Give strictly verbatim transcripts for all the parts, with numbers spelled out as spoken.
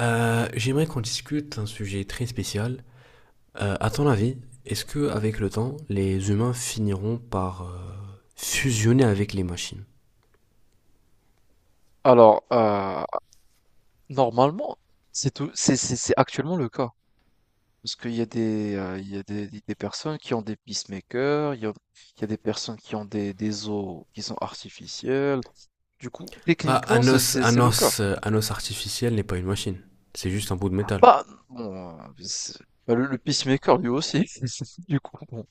Euh, j'aimerais qu'on discute d'un sujet très spécial. Euh, à ton avis, est-ce que avec le temps, les humains finiront par euh, fusionner avec les machines? Alors, heu, normalement, c'est tout c'est c'est c'est actuellement le cas. Parce qu'il y a des, heu, il y a des des personnes qui ont des pacemakers, il y a il y a des personnes qui ont des des os qui sont artificiels. Du coup, Bah, techniquement, un c'est os, c'est un c'est le cas. os, euh, un os artificiel n'est pas une machine. C'est juste un bout de métal. Bah, bon, heu, c'est bah, le le pacemaker lui aussi. Du coup, bon,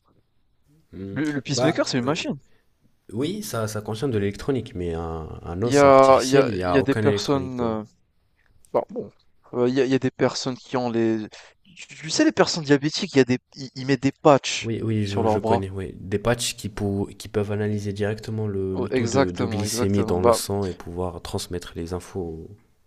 Hmm. le le Bah, pacemaker, c'est une euh, machine. oui, ça, ça contient de l'électronique, mais un, un Il y os a il y a artificiel, il n'y il y a a des aucun électronique personnes, dedans. euh, bah, bon, euh, il y a, y a des personnes qui ont les. Tu tu sais, les personnes diabétiques, il y a des. Ils, ils mettent des patchs Oui, oui, sur je, je leurs bras. connais, oui. Des patchs qui, pou- qui peuvent analyser directement le, Oh, le taux de, de exactement, glycémie exactement. dans le Bah, sang et pouvoir transmettre les infos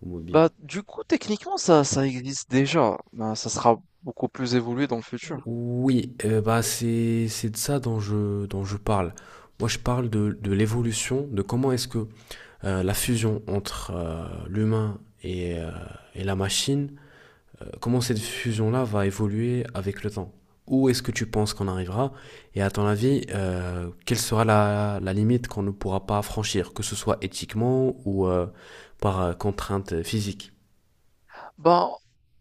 au, au mobile. bah, du coup, techniquement, ça, ça existe déjà. Bah, ça sera beaucoup plus évolué dans le futur. Oui, euh, bah c'est c'est de ça dont je dont je parle. Moi, je parle de de l'évolution, de comment est-ce que euh, la fusion entre euh, l'humain et euh, et la machine, euh, comment cette fusion-là va évoluer avec le temps. Où est-ce que tu penses qu'on arrivera? Et à ton avis, euh, quelle sera la la limite qu'on ne pourra pas franchir, que ce soit éthiquement ou euh, par euh, contrainte physique? Bah,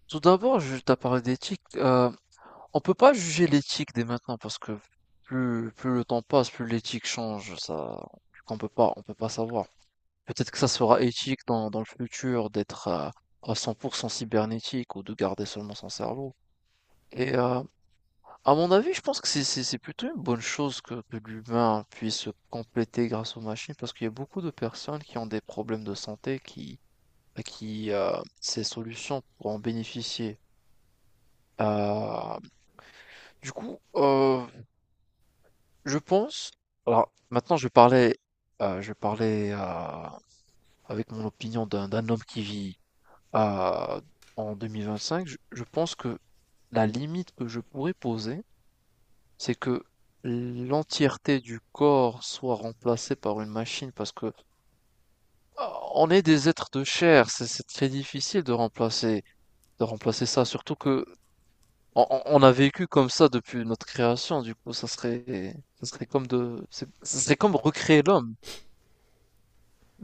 tout d'abord, je t'ai parlé d'éthique. Euh, on peut pas juger l'éthique dès maintenant parce que plus, plus le temps passe, plus l'éthique change. Ça, on peut pas, on peut pas savoir. Peut-être que ça sera éthique dans dans le futur d'être à à cent pour cent cybernétique, ou de garder seulement son cerveau. Et, heu, à mon avis, je pense que c'est c'est c'est plutôt une bonne chose que que l'humain puisse se compléter grâce aux machines, parce qu'il y a beaucoup de personnes qui ont des problèmes de santé qui bah, qui, heu, ces solutions pourront en bénéficier. Heu, du coup, heu, je pense alors maintenant je vais parler, heu, je vais parler, heu, avec mon opinion d'un d'un homme qui vit euh, en deux mille vingt-cinq. Je, je pense que la limite que je pourrais poser, c'est que l'entièreté du corps soit remplacée par une machine, parce que euh, on est des êtres de chair. C'est c'est très difficile de remplacer de remplacer ça, surtout que on, on- on a vécu comme ça depuis notre création. Du coup, ça serait ça serait comme de c'est- ça serait comme recréer l'homme.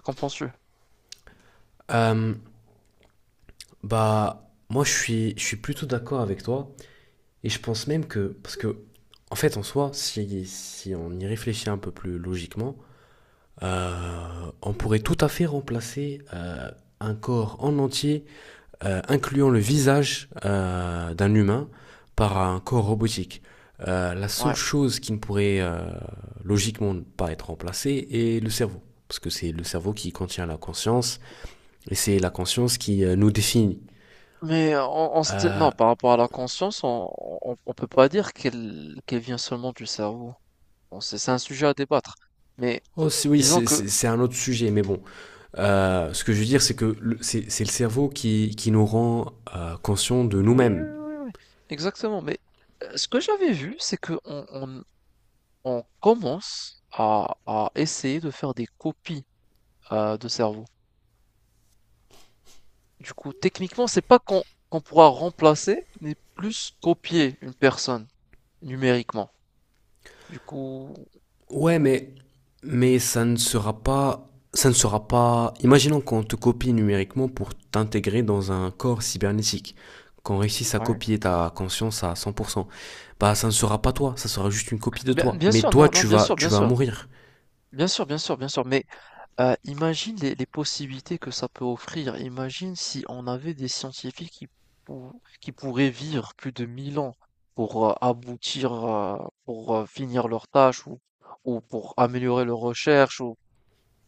Qu'en penses-tu? Euh, Bah moi, je suis je suis plutôt d'accord avec toi. Et je pense même que, parce que, en fait, en soi, si, si on y réfléchit un peu plus logiquement, euh, on pourrait tout à fait remplacer euh, un corps en entier, euh, incluant le visage euh, d'un humain, par un corps robotique. Euh, la seule Ouais. chose qui ne pourrait euh, logiquement pas être remplacée est le cerveau, parce que c'est le cerveau qui contient la conscience, et c'est la conscience qui euh, nous définit. Mais on, on sait- non, par rapport à la conscience, on, on, on peut pas dire qu'elle qu'elle vient seulement du cerveau. Bon, c'est c'est un sujet à débattre. Mais Oh, oui, disons c'est- que c'est c'est un autre sujet, mais bon. Euh, ce que je veux dire, c'est que le- c'est c'est le cerveau qui, qui nous rend euh, conscients de oui, oui, nous-mêmes. oui, oui, exactement. Mais euh, ce que j'avais vu, c'est que on, on- on commence à, à essayer de faire des copies euh, de cerveau. Du coup, techniquement, c'est pas qu'on qu'on pourra remplacer, mais plus copier une personne numériquement. Du coup, euh, Ouais, mais, mais ça ne sera pas. Ça ne sera pas. Imaginons qu'on te copie numériquement pour t'intégrer dans un corps cybernétique. Qu'on réussisse à ouais. copier ta conscience à cent pour cent. Bah, ça ne sera pas toi, ça sera juste une copie de Bien, toi. bien Mais sûr, toi, non, non, tu bien vas, sûr, tu bien vas sûr, mourir. bien sûr, bien sûr, bien sûr. Mais Heu, imagine les les possibilités que ça peut offrir. Imagine si on avait des scientifiques qui pou qui pourraient vivre plus de mille ans pour heu, aboutir, heu, pour heu, finir leur tâche, ou ou pour améliorer leurs recherches, ou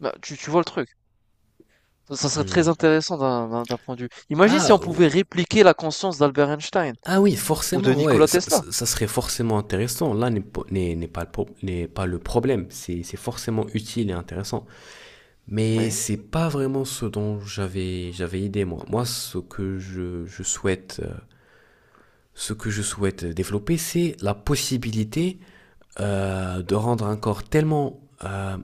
bah, tu tu vois le truc? Ça ça serait Hmm. très intéressant d'un d'un d'un point de vue. Imagine si Ah, on pouvait répliquer la conscience d'Albert Einstein ah oui, ou de forcément, ouais, Nikola ça, Tesla. ça- ça serait forcément intéressant. Là n'est po- n'est- N'est pas, le pro- n'est pas le problème, c'est c'est forcément utile et intéressant. Mais Oui, c'est pas vraiment ce dont j'avais j'avais idée moi. Moi, ce que je, je souhaite euh, ce que je souhaite développer, c'est la possibilité euh, de rendre un corps tellement euh,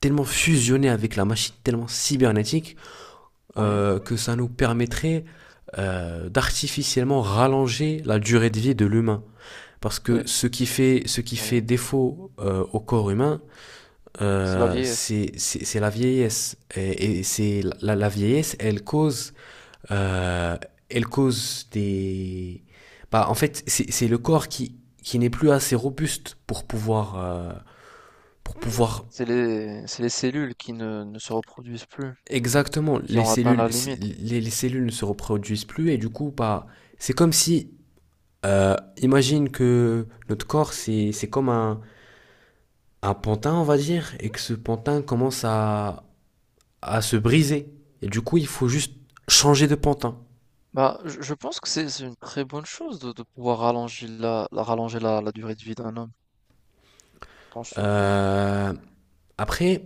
tellement fusionné avec la machine, tellement cybernétique oui, euh, que ça nous permettrait euh, d'artificiellement rallonger la durée de vie de l'humain. Parce que beh, ce qui fait, ce qui oui, fait défaut euh, au corps humain, c'est la euh, vieillesse. c'est c'est- c'est la vieillesse. Et, et c'est la, la vieillesse, elle cause, euh, elle cause des. Bah, en fait, c'est c'est le corps qui, qui n'est plus assez robuste pour pouvoir, euh, pour pouvoir. C'est les c'est les cellules qui ne ne se reproduisent plus, Exactement, qui les ont atteint cellules, la limite. les, les cellules ne se reproduisent plus et du coup, bah, c'est comme si. Euh, imagine que notre corps, c'est c'est comme un, un pantin, on va dire, et que ce pantin commence à, à se briser. Et du coup, il faut juste changer de pantin. Bah, je je pense que c'est c'est une très bonne chose de, de pouvoir rallonger la, la- rallonger la, la durée de vie d'un homme. Je pense ce point. Euh, Après,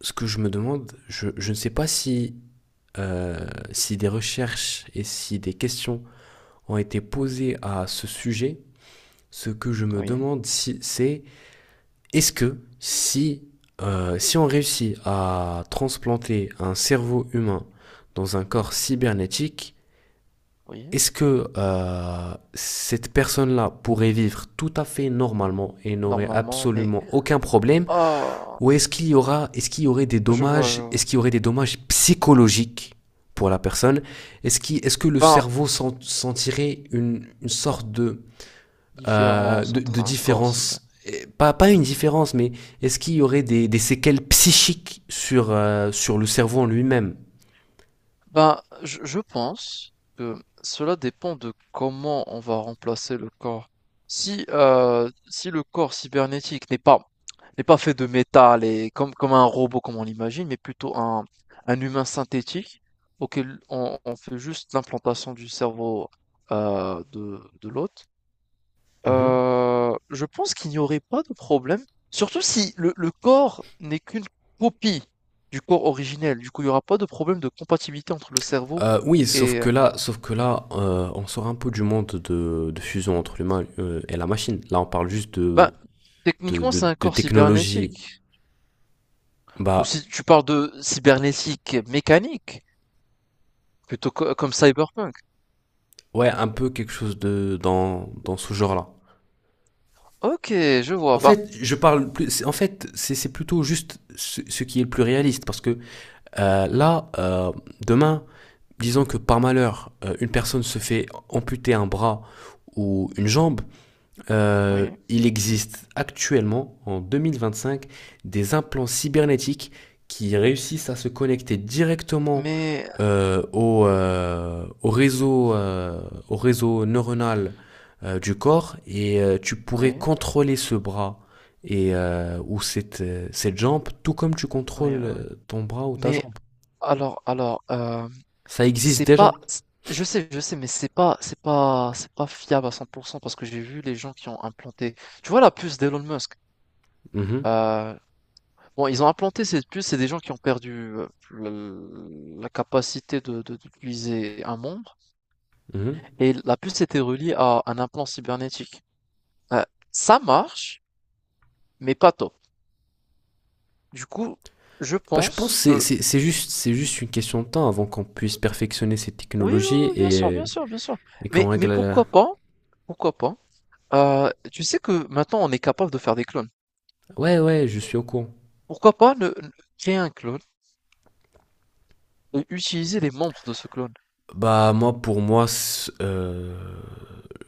ce que je me demande, je, je ne sais pas si, euh, si des recherches et si des questions ont été posées à ce sujet. Ce que je me Oui, demande, si, c'est est-ce que si, euh, si on réussit à transplanter un cerveau humain dans un corps cybernétique, oui, est-ce que euh, cette personne-là pourrait vivre tout à fait normalement et n'aurait normalement, mais absolument aucun problème? ah, Ou est-ce qu'il y aura, est-ce qu'il y aurait des je vois, je dommages, est-ce vois. qu'il y aurait des dommages psychologiques pour la personne? Est-ce qu'il- est-ce que le Ben, cerveau sentirait une, une sorte de, euh, différence de, entre de un corps cyber. différence? Eh, pas, pas une différence, mais est-ce qu'il y aurait des, des séquelles psychiques sur, euh, sur le cerveau en lui-même? Ben, je, je pense que cela dépend de comment on va remplacer le corps. Si, euh, si le corps cybernétique n'est pas, n'est pas fait de métal et comme, comme un robot comme on l'imagine, mais plutôt un, un humain synthétique auquel on, on fait juste l'implantation du cerveau, euh, de, de l'hôte. Mhm. Heu, je pense qu'il n'y aurait pas de problème, surtout si le le corps n'est qu'une copie du corps originel. Du coup, il n'y aura pas de problème de compatibilité entre le cerveau. Euh, oui, sauf Et que heu, là, sauf que là, euh, on sort un peu du monde de, de fusion entre l'humain euh, et la machine. Là, on parle juste de, bah, de, techniquement, de, c'est un de corps technologie. cybernétique, ou Bah, si tu parles de cybernétique mécanique, plutôt co comme Cyberpunk. ouais, un peu quelque chose de dans, dans ce genre-là. OK, je En vois, bah, fait, je parle plus. c'est- En fait, c'est c'est plutôt juste ce, ce qui est le plus réaliste, parce que euh, là, euh, demain, disons que par malheur, euh, une personne se fait amputer un bras ou une jambe. Euh, oui, Il existe actuellement, en deux mille vingt-cinq, des implants cybernétiques qui réussissent à se connecter directement mais euh, au, euh, au réseau, euh, au réseau neuronal euh, du corps et euh, tu pourrais oui, contrôler ce bras et, euh, ou cette, euh, cette jambe tout comme tu oui, contrôles oui, oui, euh, ton bras ou ta mais jambe. alors alors, heu Ça existe C'est pas déjà. c je sais, je sais, mais c'est pas c'est pas c'est pas fiable à cent pour cent, parce que j'ai vu les gens qui ont implanté. Tu vois la puce d'Elon Musk? Mhm, Heu, bon, ils ont implanté cette puce, c'est des gens qui ont perdu heu, le la capacité de de d'utiliser un membre, mhm. et la puce était reliée à un implant cybernétique. Heu, ça marche, mais pas top. Du coup, je Bah, je pense pense que c'est que c'est- c'est juste, c'est juste une question de temps avant qu'on puisse perfectionner ces oui, oui, technologies oui, bien sûr, bien et, sûr, bien sûr. et qu'on Mais mais règle la- pourquoi pas, pourquoi pas? Heu, Tu sais que maintenant on est capable de faire des clones? Ouais, ouais, je suis au courant. Pourquoi pas ne ne créer un clone et utiliser les membres de ce clone? Bah, moi, pour moi, c'est, euh,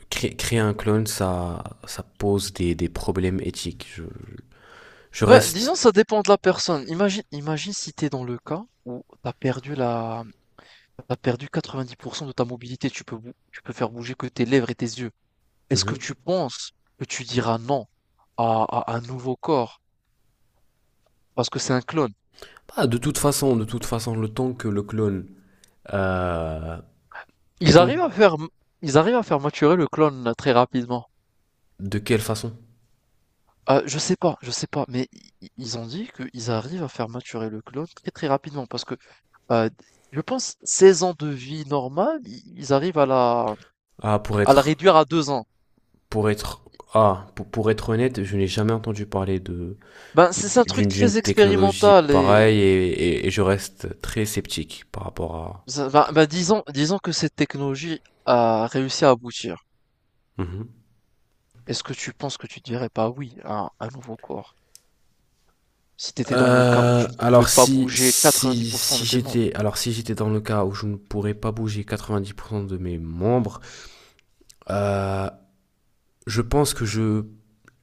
cré- créer un clone, ça, ça pose des, des problèmes éthiques. Je, je- je Ben, disons, reste... ça dépend de la personne. Imagine, imagine, si t'es dans le cas où t'as perdu la, t'as perdu quatre-vingt-dix pour cent de ta mobilité. Tu peux, bou- tu peux faire bouger que tes lèvres et tes yeux. Est-ce que Mhm. tu penses que tu diras non à, à un nouveau corps parce que c'est un clone? Bah, de toute façon, de toute façon, le temps que le clone... euh, le Ils temps arrivent à faire, ils arrivent à faire maturer le clone très rapidement. de quelle façon? Ah, je sais pas, je sais pas, mais i i ils ont dit qu'ils arrivent à faire maturer le clone très, très rapidement parce que, heu, je pense seize ans de vie normale, i ils arrivent à la Ah, pour à la être... réduire à deux ans. Pour être... Ah, pour, pour être honnête, je n'ai jamais entendu parler de Ben, c'est c'est un truc d'une très d'une technologie expérimental, et pareille et, et, et je reste très sceptique par rapport à. ça va ben, disons, disons que cette technologie a réussi à aboutir. Mhm. Est-ce que tu penses que tu dirais pas oui à un nouveau corps? Si tu étais dans le cas où Euh, tu ne pouvais Alors pas si bouger si quatre-vingt-dix pour cent si de tes membres? j'étais alors si j'étais dans le cas où je ne pourrais pas bouger quatre-vingt-dix pour cent de mes membres, euh, je pense que je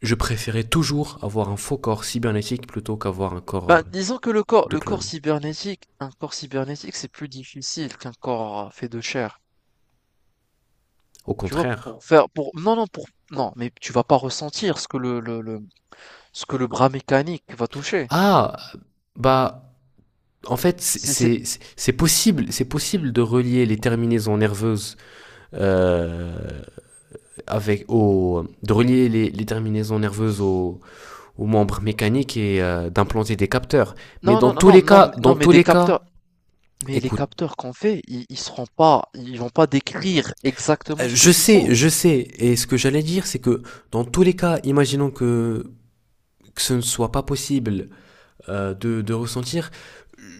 je préférais toujours avoir un faux corps cybernétique plutôt qu'avoir un corps Bah, euh, disons que le corps de le corps clone. cybernétique un corps cybernétique, c'est plus difficile qu'un corps, heu, fait de chair. Au Tu vois? contraire. Pour faire pour non, non, pour non, mais tu vas pas ressentir ce que le le le ce que le bras mécanique va toucher. Ah bah en fait c'est C'est c'est c'est- c'est possible c'est possible de relier les terminaisons nerveuses euh, avec au, de relier les, les terminaisons nerveuses aux, aux membres mécaniques et euh, d'implanter des capteurs. Mais non, dans non, tous non, non, les non, mais cas, dans non, mais tous des les cas, capteurs mais les écoute, capteurs qu'on fait, ils ils seront pas ils vont pas décrire exactement euh, ce que je tu sens. sais, je sais, et ce que j'allais dire, c'est que dans tous les cas, imaginons que, que ce ne soit pas possible euh, de, de ressentir,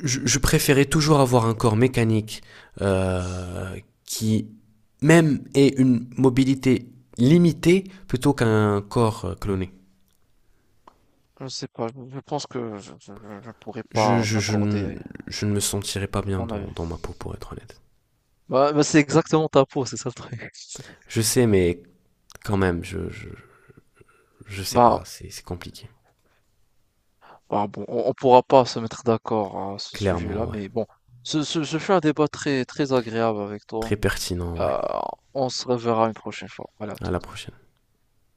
je, je préférais toujours avoir un corps mécanique euh, qui même ait une mobilité limitée plutôt qu'un corps euh, cloné. Je sais pas, je je pense que je je je je pourrais je, pas je, je, ne- m'accorder je ne me sentirais pas à bien ton dans, avis. dans ma peau, pour être honnête. Bah bah, c'est exactement ta peau, c'est ça le truc. Je sais, mais quand même, je, je, je sais Bah, pas, c'est c'est compliqué. ah bon, on ne pourra pas se mettre d'accord à ce sujet-là, Clairement, ouais. mais bon, ce, ce, ce fut un débat très, très agréable avec Très toi. pertinent, ouais. Euh, on se reverra une prochaine fois. Voilà. À la prochaine.